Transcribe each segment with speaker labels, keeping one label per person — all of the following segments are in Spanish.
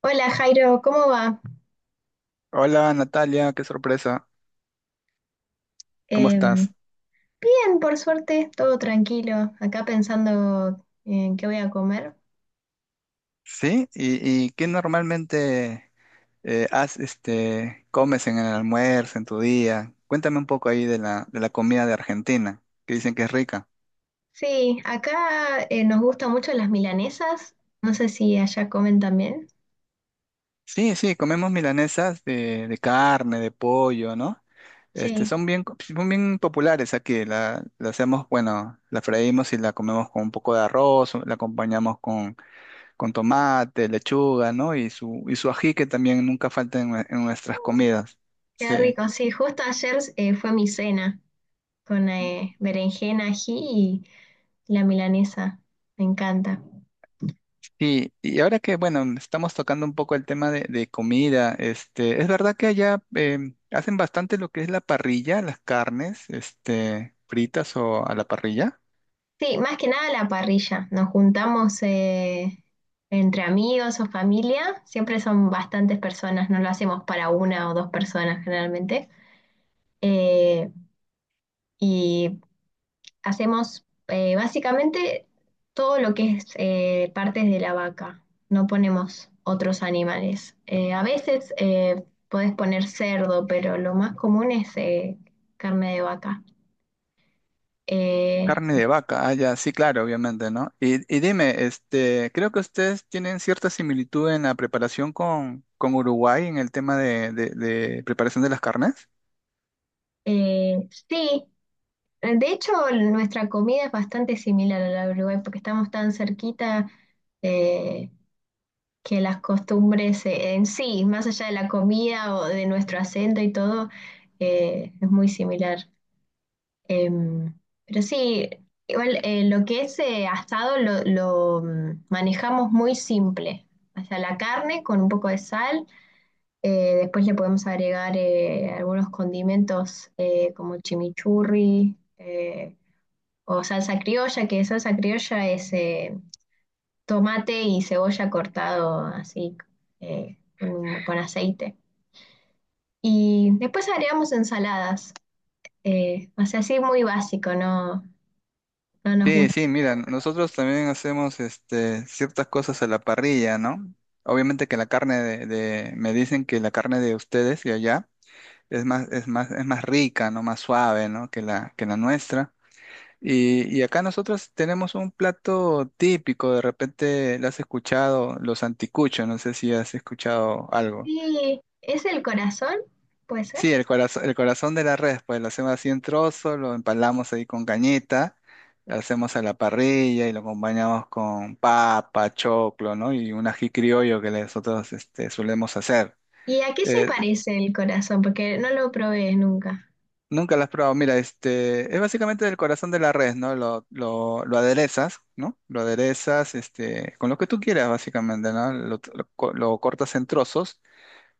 Speaker 1: Hola Jairo, ¿cómo va?
Speaker 2: Hola Natalia, qué sorpresa, ¿cómo
Speaker 1: Eh,
Speaker 2: estás?
Speaker 1: Bien, por suerte, todo tranquilo. Acá pensando en qué voy a comer.
Speaker 2: ¿Sí? Y qué normalmente has, comes en el almuerzo, en tu día? Cuéntame un poco ahí de de la comida de Argentina, que dicen que es rica.
Speaker 1: Sí, acá nos gustan mucho las milanesas. No sé si allá comen también.
Speaker 2: Sí, sí, comemos milanesas de carne, de pollo, ¿no? Este,
Speaker 1: Sí.
Speaker 2: son bien, son bien populares aquí, la hacemos, bueno, la freímos y la comemos con un poco de arroz, la acompañamos con tomate, lechuga, ¿no? Y su ají que también nunca falta en, en nuestras
Speaker 1: Uh.
Speaker 2: comidas.
Speaker 1: Qué
Speaker 2: Sí.
Speaker 1: rico. Sí, justo ayer fue mi cena con berenjena, ají y la milanesa. Me encanta.
Speaker 2: Y ahora que, bueno, estamos tocando un poco el tema de comida, este, es verdad que allá hacen bastante lo que es la parrilla, las carnes, este, fritas o a la parrilla.
Speaker 1: Sí, más que nada la parrilla. Nos juntamos entre amigos o familia. Siempre son bastantes personas, no lo hacemos para una o dos personas generalmente. Eh, y hacemos básicamente todo lo que es partes de la vaca. No ponemos otros animales. A veces podés poner cerdo, pero lo más común es carne de vaca. Eh,
Speaker 2: Carne de vaca, ah, ya, sí, claro, obviamente, ¿no? Y dime, este, creo que ustedes tienen cierta similitud en la preparación con Uruguay en el tema de de preparación de las carnes.
Speaker 1: sí. De hecho, nuestra comida es bastante similar a la de Uruguay porque estamos tan cerquita eh, que las costumbres en sí, más allá de la comida o de nuestro acento y todo, es muy similar. Em, pero sí, igual lo que es asado lo manejamos muy simple. O sea, la carne con un poco de sal, después le podemos agregar algunos condimentos como chimichurri, o salsa criolla, que salsa criolla es tomate y cebolla cortado así con aceite. Y después agregamos ensaladas, o sea, así muy básico, no, no nos
Speaker 2: Sí,
Speaker 1: gusta.
Speaker 2: sí, mira, nosotros también hacemos este, ciertas cosas a la parrilla, ¿no? Obviamente que la carne de- me dicen que la carne de ustedes y allá es más, es más, es más rica, ¿no? Más suave, ¿no? Que que la nuestra. Y acá nosotros tenemos un plato típico, de repente lo has escuchado, los anticuchos, no sé si has escuchado algo.
Speaker 1: Sí, ¿es el corazón? ¿Puede ser?
Speaker 2: Sí, el corazón de la red, pues lo hacemos así en trozo, lo empalamos ahí con cañita, lo hacemos a la parrilla y lo acompañamos con papa, choclo, ¿no? Y un ají criollo que nosotros este, solemos hacer.
Speaker 1: ¿Y a qué se
Speaker 2: Eh,
Speaker 1: parece el corazón? Porque no lo probé nunca.
Speaker 2: Nunca lo has probado. Mira, este, es básicamente el corazón de la res, ¿no? Lo aderezas, ¿no? Lo aderezas, este, con lo que tú quieras, básicamente, ¿no? Lo, lo cortas en trozos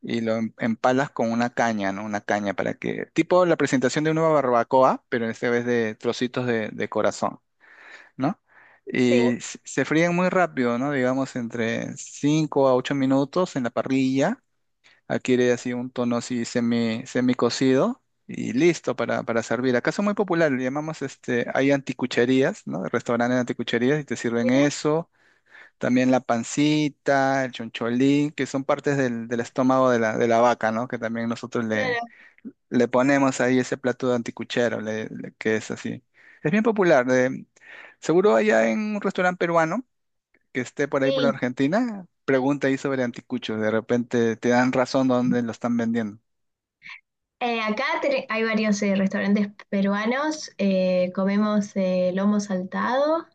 Speaker 2: y lo empalas con una caña, ¿no? Una caña para que, tipo la presentación de una barbacoa, pero esta vez de trocitos de corazón, ¿no?
Speaker 1: Sí,
Speaker 2: Y se fríen muy rápido, ¿no? Digamos entre 5 a 8 minutos en la parrilla, adquiere así un tono así semi cocido y listo para servir. Acá son muy populares, le llamamos este, hay anticucherías, ¿no? Restaurantes de anticucherías y te sirven
Speaker 1: mirá,
Speaker 2: eso también la pancita, el choncholín, que son partes del, del estómago de de la vaca, ¿no? Que también nosotros le,
Speaker 1: claro,
Speaker 2: le ponemos ahí ese plato de anticuchero, que es así. Es bien popular. Seguro allá en un restaurante peruano que esté por ahí por
Speaker 1: sí.
Speaker 2: Argentina, pregunta ahí sobre anticuchos. De repente te dan razón dónde lo están vendiendo.
Speaker 1: Acá hay varios restaurantes peruanos, comemos lomo saltado,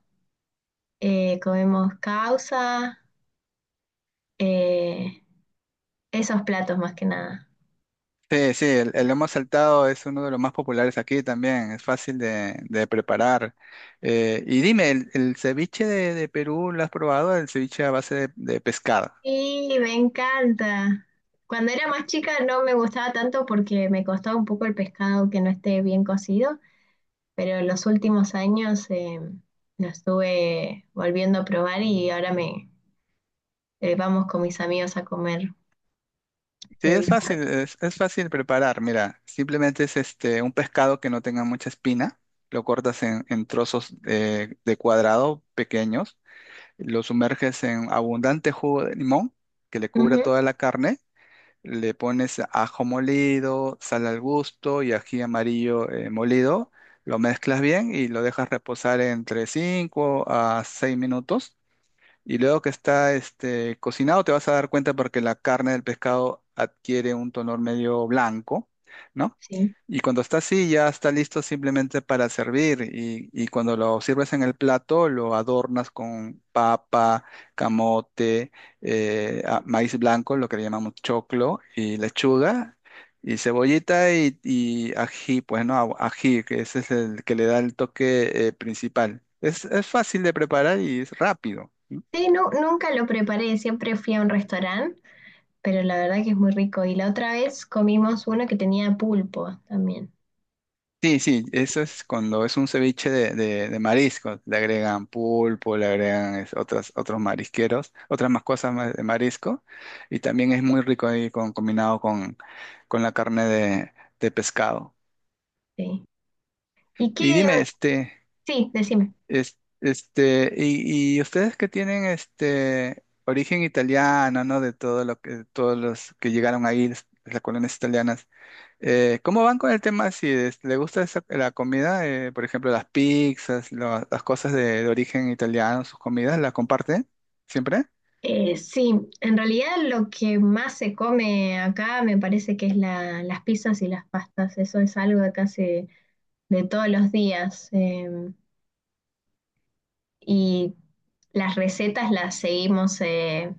Speaker 1: comemos causa, eh, esos platos más que nada.
Speaker 2: Sí, sí, el lomo saltado es uno de los más populares aquí también, es fácil de preparar. Y dime, el ceviche de Perú lo has probado? El ceviche a base de pescado.
Speaker 1: Y me encanta. Cuando era más chica no me gustaba tanto porque me costaba un poco el pescado que no esté bien cocido, pero en los últimos años lo estuve volviendo a probar y ahora me, vamos con mis amigos a comer
Speaker 2: Sí,
Speaker 1: ceviche.
Speaker 2: es fácil preparar. Mira, simplemente es este, un pescado que no tenga mucha espina, lo cortas en trozos de cuadrado pequeños, lo sumerges en abundante jugo de limón que le cubra
Speaker 1: Ujú,
Speaker 2: toda la carne, le pones ajo molido, sal al gusto y ají amarillo molido, lo mezclas bien y lo dejas reposar entre 5 a 6 minutos y luego que está este, cocinado, te vas a dar cuenta porque la carne del pescado adquiere un tono medio blanco, ¿no?
Speaker 1: sí.
Speaker 2: Y cuando está así, ya está listo simplemente para servir. Y cuando lo sirves en el plato, lo adornas con papa, camote, maíz blanco, lo que le llamamos choclo, y lechuga, y cebollita y ají, pues no, ají, que ese es el que le da el toque principal. Es fácil de preparar y es rápido.
Speaker 1: Sí, nunca lo preparé, siempre fui a un restaurante, pero la verdad que es muy rico. Y la otra vez comimos uno que tenía pulpo también.
Speaker 2: Sí, sí, eso es cuando es un ceviche de mariscos. Le agregan pulpo, le agregan otras, otros marisqueros, otras más cosas más de marisco. Y también es muy rico ahí con, combinado con la carne de pescado.
Speaker 1: Sí. Y
Speaker 2: Y
Speaker 1: qué,
Speaker 2: dime, este,
Speaker 1: sí, decime.
Speaker 2: este, y ustedes que tienen este origen italiano, ¿no? De todo lo que, todos los que llegaron ahí, las colonias italianas. ¿Cómo van con el tema? Si le gusta la comida, por ejemplo, las pizzas, las cosas de origen italiano, sus comidas, ¿las comparten siempre?
Speaker 1: Sí, en realidad lo que más se come acá me parece que es las pizzas y las pastas. Eso es algo de casi de todos los días, y las recetas las seguimos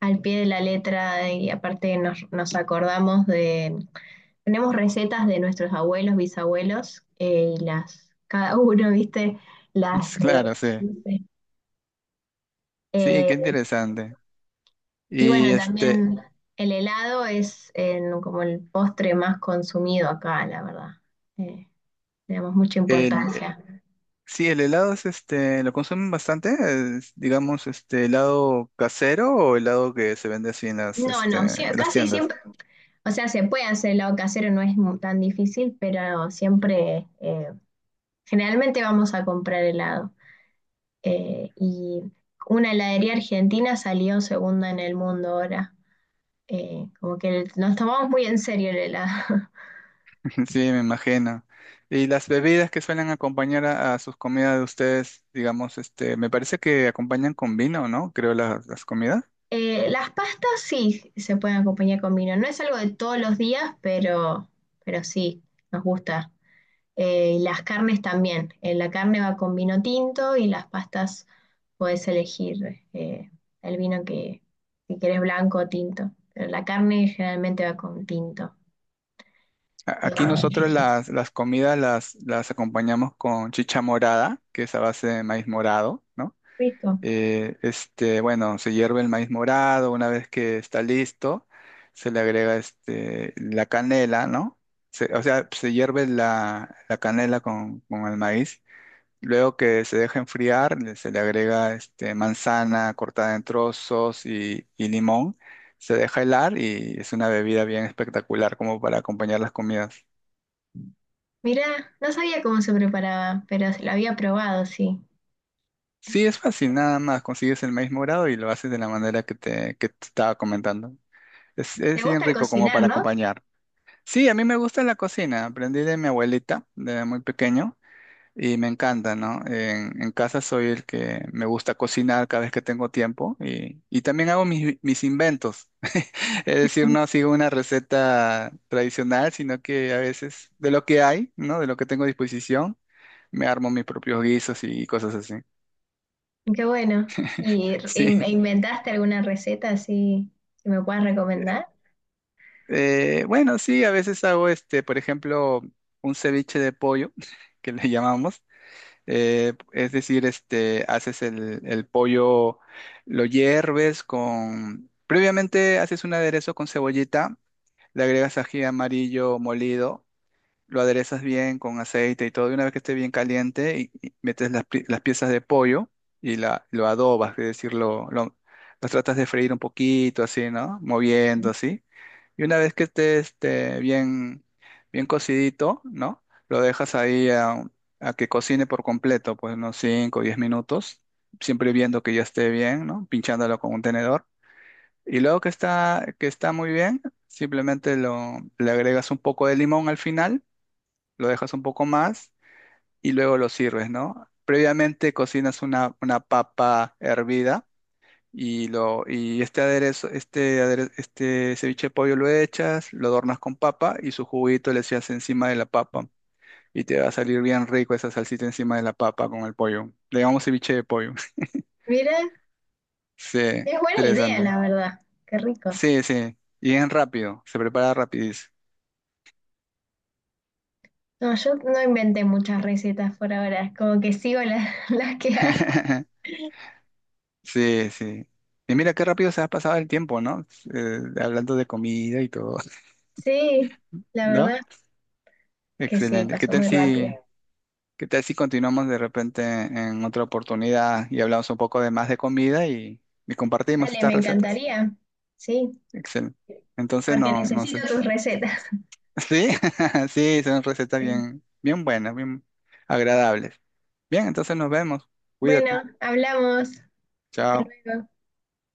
Speaker 1: al pie de la letra y aparte nos, nos acordamos de... Tenemos recetas de nuestros abuelos, bisabuelos, y las, cada uno, viste, las...
Speaker 2: Claro, sí. Sí, qué
Speaker 1: reproduce.
Speaker 2: interesante.
Speaker 1: Y
Speaker 2: Y
Speaker 1: bueno,
Speaker 2: este,
Speaker 1: también el helado es como el postre más consumido acá, la verdad. Eh, Le damos mucha
Speaker 2: el,
Speaker 1: importancia.
Speaker 2: sí, el helado es este, ¿lo consumen bastante? Es, digamos, este, helado casero o helado que se vende así en las,
Speaker 1: No,
Speaker 2: este,
Speaker 1: no, sí,
Speaker 2: en las
Speaker 1: casi
Speaker 2: tiendas.
Speaker 1: siempre, o sea, se puede hacer helado casero, no es tan difícil, pero siempre, generalmente vamos a comprar helado. Y una heladería argentina salió segunda en el mundo ahora. Como que nos tomamos muy en serio el helado.
Speaker 2: Sí, me imagino. Y las bebidas que suelen acompañar a sus comidas de ustedes, digamos, este, me parece que acompañan con vino, ¿no? Creo las comidas.
Speaker 1: Las pastas sí se pueden acompañar con vino. No es algo de todos los días, pero sí, nos gusta. Y las carnes también. La carne va con vino tinto y las pastas puedes elegir el vino que, si quieres blanco o tinto. Pero la carne generalmente va con tinto.
Speaker 2: Aquí
Speaker 1: Ah,
Speaker 2: nosotros las comidas las acompañamos con chicha morada, que es a base de maíz morado, ¿no?
Speaker 1: rico.
Speaker 2: Este, bueno, se hierve el maíz morado, una vez que está listo, se le agrega este, la canela, ¿no? O sea, se hierve la, la canela con el maíz. Luego que se deja enfriar, se le agrega este, manzana cortada en trozos y limón. Se deja helar y es una bebida bien espectacular como para acompañar las comidas.
Speaker 1: Mirá, no sabía cómo se preparaba, pero lo había probado, sí.
Speaker 2: Sí, es fácil, nada más consigues el maíz morado y lo haces de la manera que te estaba comentando.
Speaker 1: ¿Te
Speaker 2: Es bien
Speaker 1: gusta
Speaker 2: rico como
Speaker 1: cocinar,
Speaker 2: para
Speaker 1: no?
Speaker 2: acompañar. Sí, a mí me gusta la cocina, aprendí de mi abuelita de muy pequeño y me encanta, ¿no? En casa soy el que me gusta cocinar cada vez que tengo tiempo y también hago mis, mis inventos. Es decir, no sigo una receta tradicional, sino que a veces de lo que hay, ¿no? De lo que tengo a disposición, me armo mis propios guisos y cosas así.
Speaker 1: Qué bueno. ¿Y
Speaker 2: Sí.
Speaker 1: e inventaste alguna receta así que me puedas recomendar?
Speaker 2: Bueno, sí, a veces hago este, por ejemplo, un ceviche de pollo, que le llamamos. Es decir, este, haces el pollo, lo hierves con... Previamente haces un aderezo con cebollita, le agregas ají amarillo molido, lo aderezas bien con aceite y todo, y una vez que esté bien caliente, y metes las, las piezas de pollo y la, lo adobas, es decir, lo, las tratas de freír un poquito, así, ¿no? Moviendo, así. Y una vez que esté este, bien, bien cocidito, ¿no? Lo dejas ahí a que cocine por completo, pues unos 5 o 10 minutos, siempre viendo que ya esté bien, ¿no? Pinchándolo con un tenedor. Y luego que está muy bien, simplemente lo, le agregas un poco de limón al final, lo dejas un poco más y luego lo sirves, ¿no? Previamente cocinas una papa hervida y, lo, y este aderezo, este, este ceviche de pollo lo echas, lo adornas con papa y su juguito le echas encima de la papa. Y te va a salir bien rico esa salsita encima de la papa con el pollo. Le llamamos ceviche de pollo.
Speaker 1: Mira,
Speaker 2: Sí,
Speaker 1: es buena idea,
Speaker 2: interesante.
Speaker 1: la verdad. Qué rico.
Speaker 2: Sí, sí. Y es rápido, se prepara rapidísimo.
Speaker 1: No, yo no inventé muchas recetas por ahora, como que sigo las, las que hay.
Speaker 2: Sí, sí. Y mira qué rápido se ha pasado el tiempo, ¿no? Hablando de comida y todo.
Speaker 1: Sí, la
Speaker 2: ¿No?
Speaker 1: verdad que sí,
Speaker 2: Excelente.
Speaker 1: pasó muy rápido.
Speaker 2: Qué tal si continuamos de repente en otra oportunidad y hablamos un poco de más de comida y compartimos
Speaker 1: Dale,
Speaker 2: estas
Speaker 1: me
Speaker 2: recetas?
Speaker 1: encantaría. Sí,
Speaker 2: Excelente. Entonces,
Speaker 1: porque
Speaker 2: no, no sé.
Speaker 1: necesito tus recetas.
Speaker 2: Sí, sí, son recetas
Speaker 1: Sí.
Speaker 2: bien, bien buenas, bien agradables. Bien, entonces nos vemos. Cuídate.
Speaker 1: Bueno, hablamos. Hasta
Speaker 2: Chao.
Speaker 1: luego.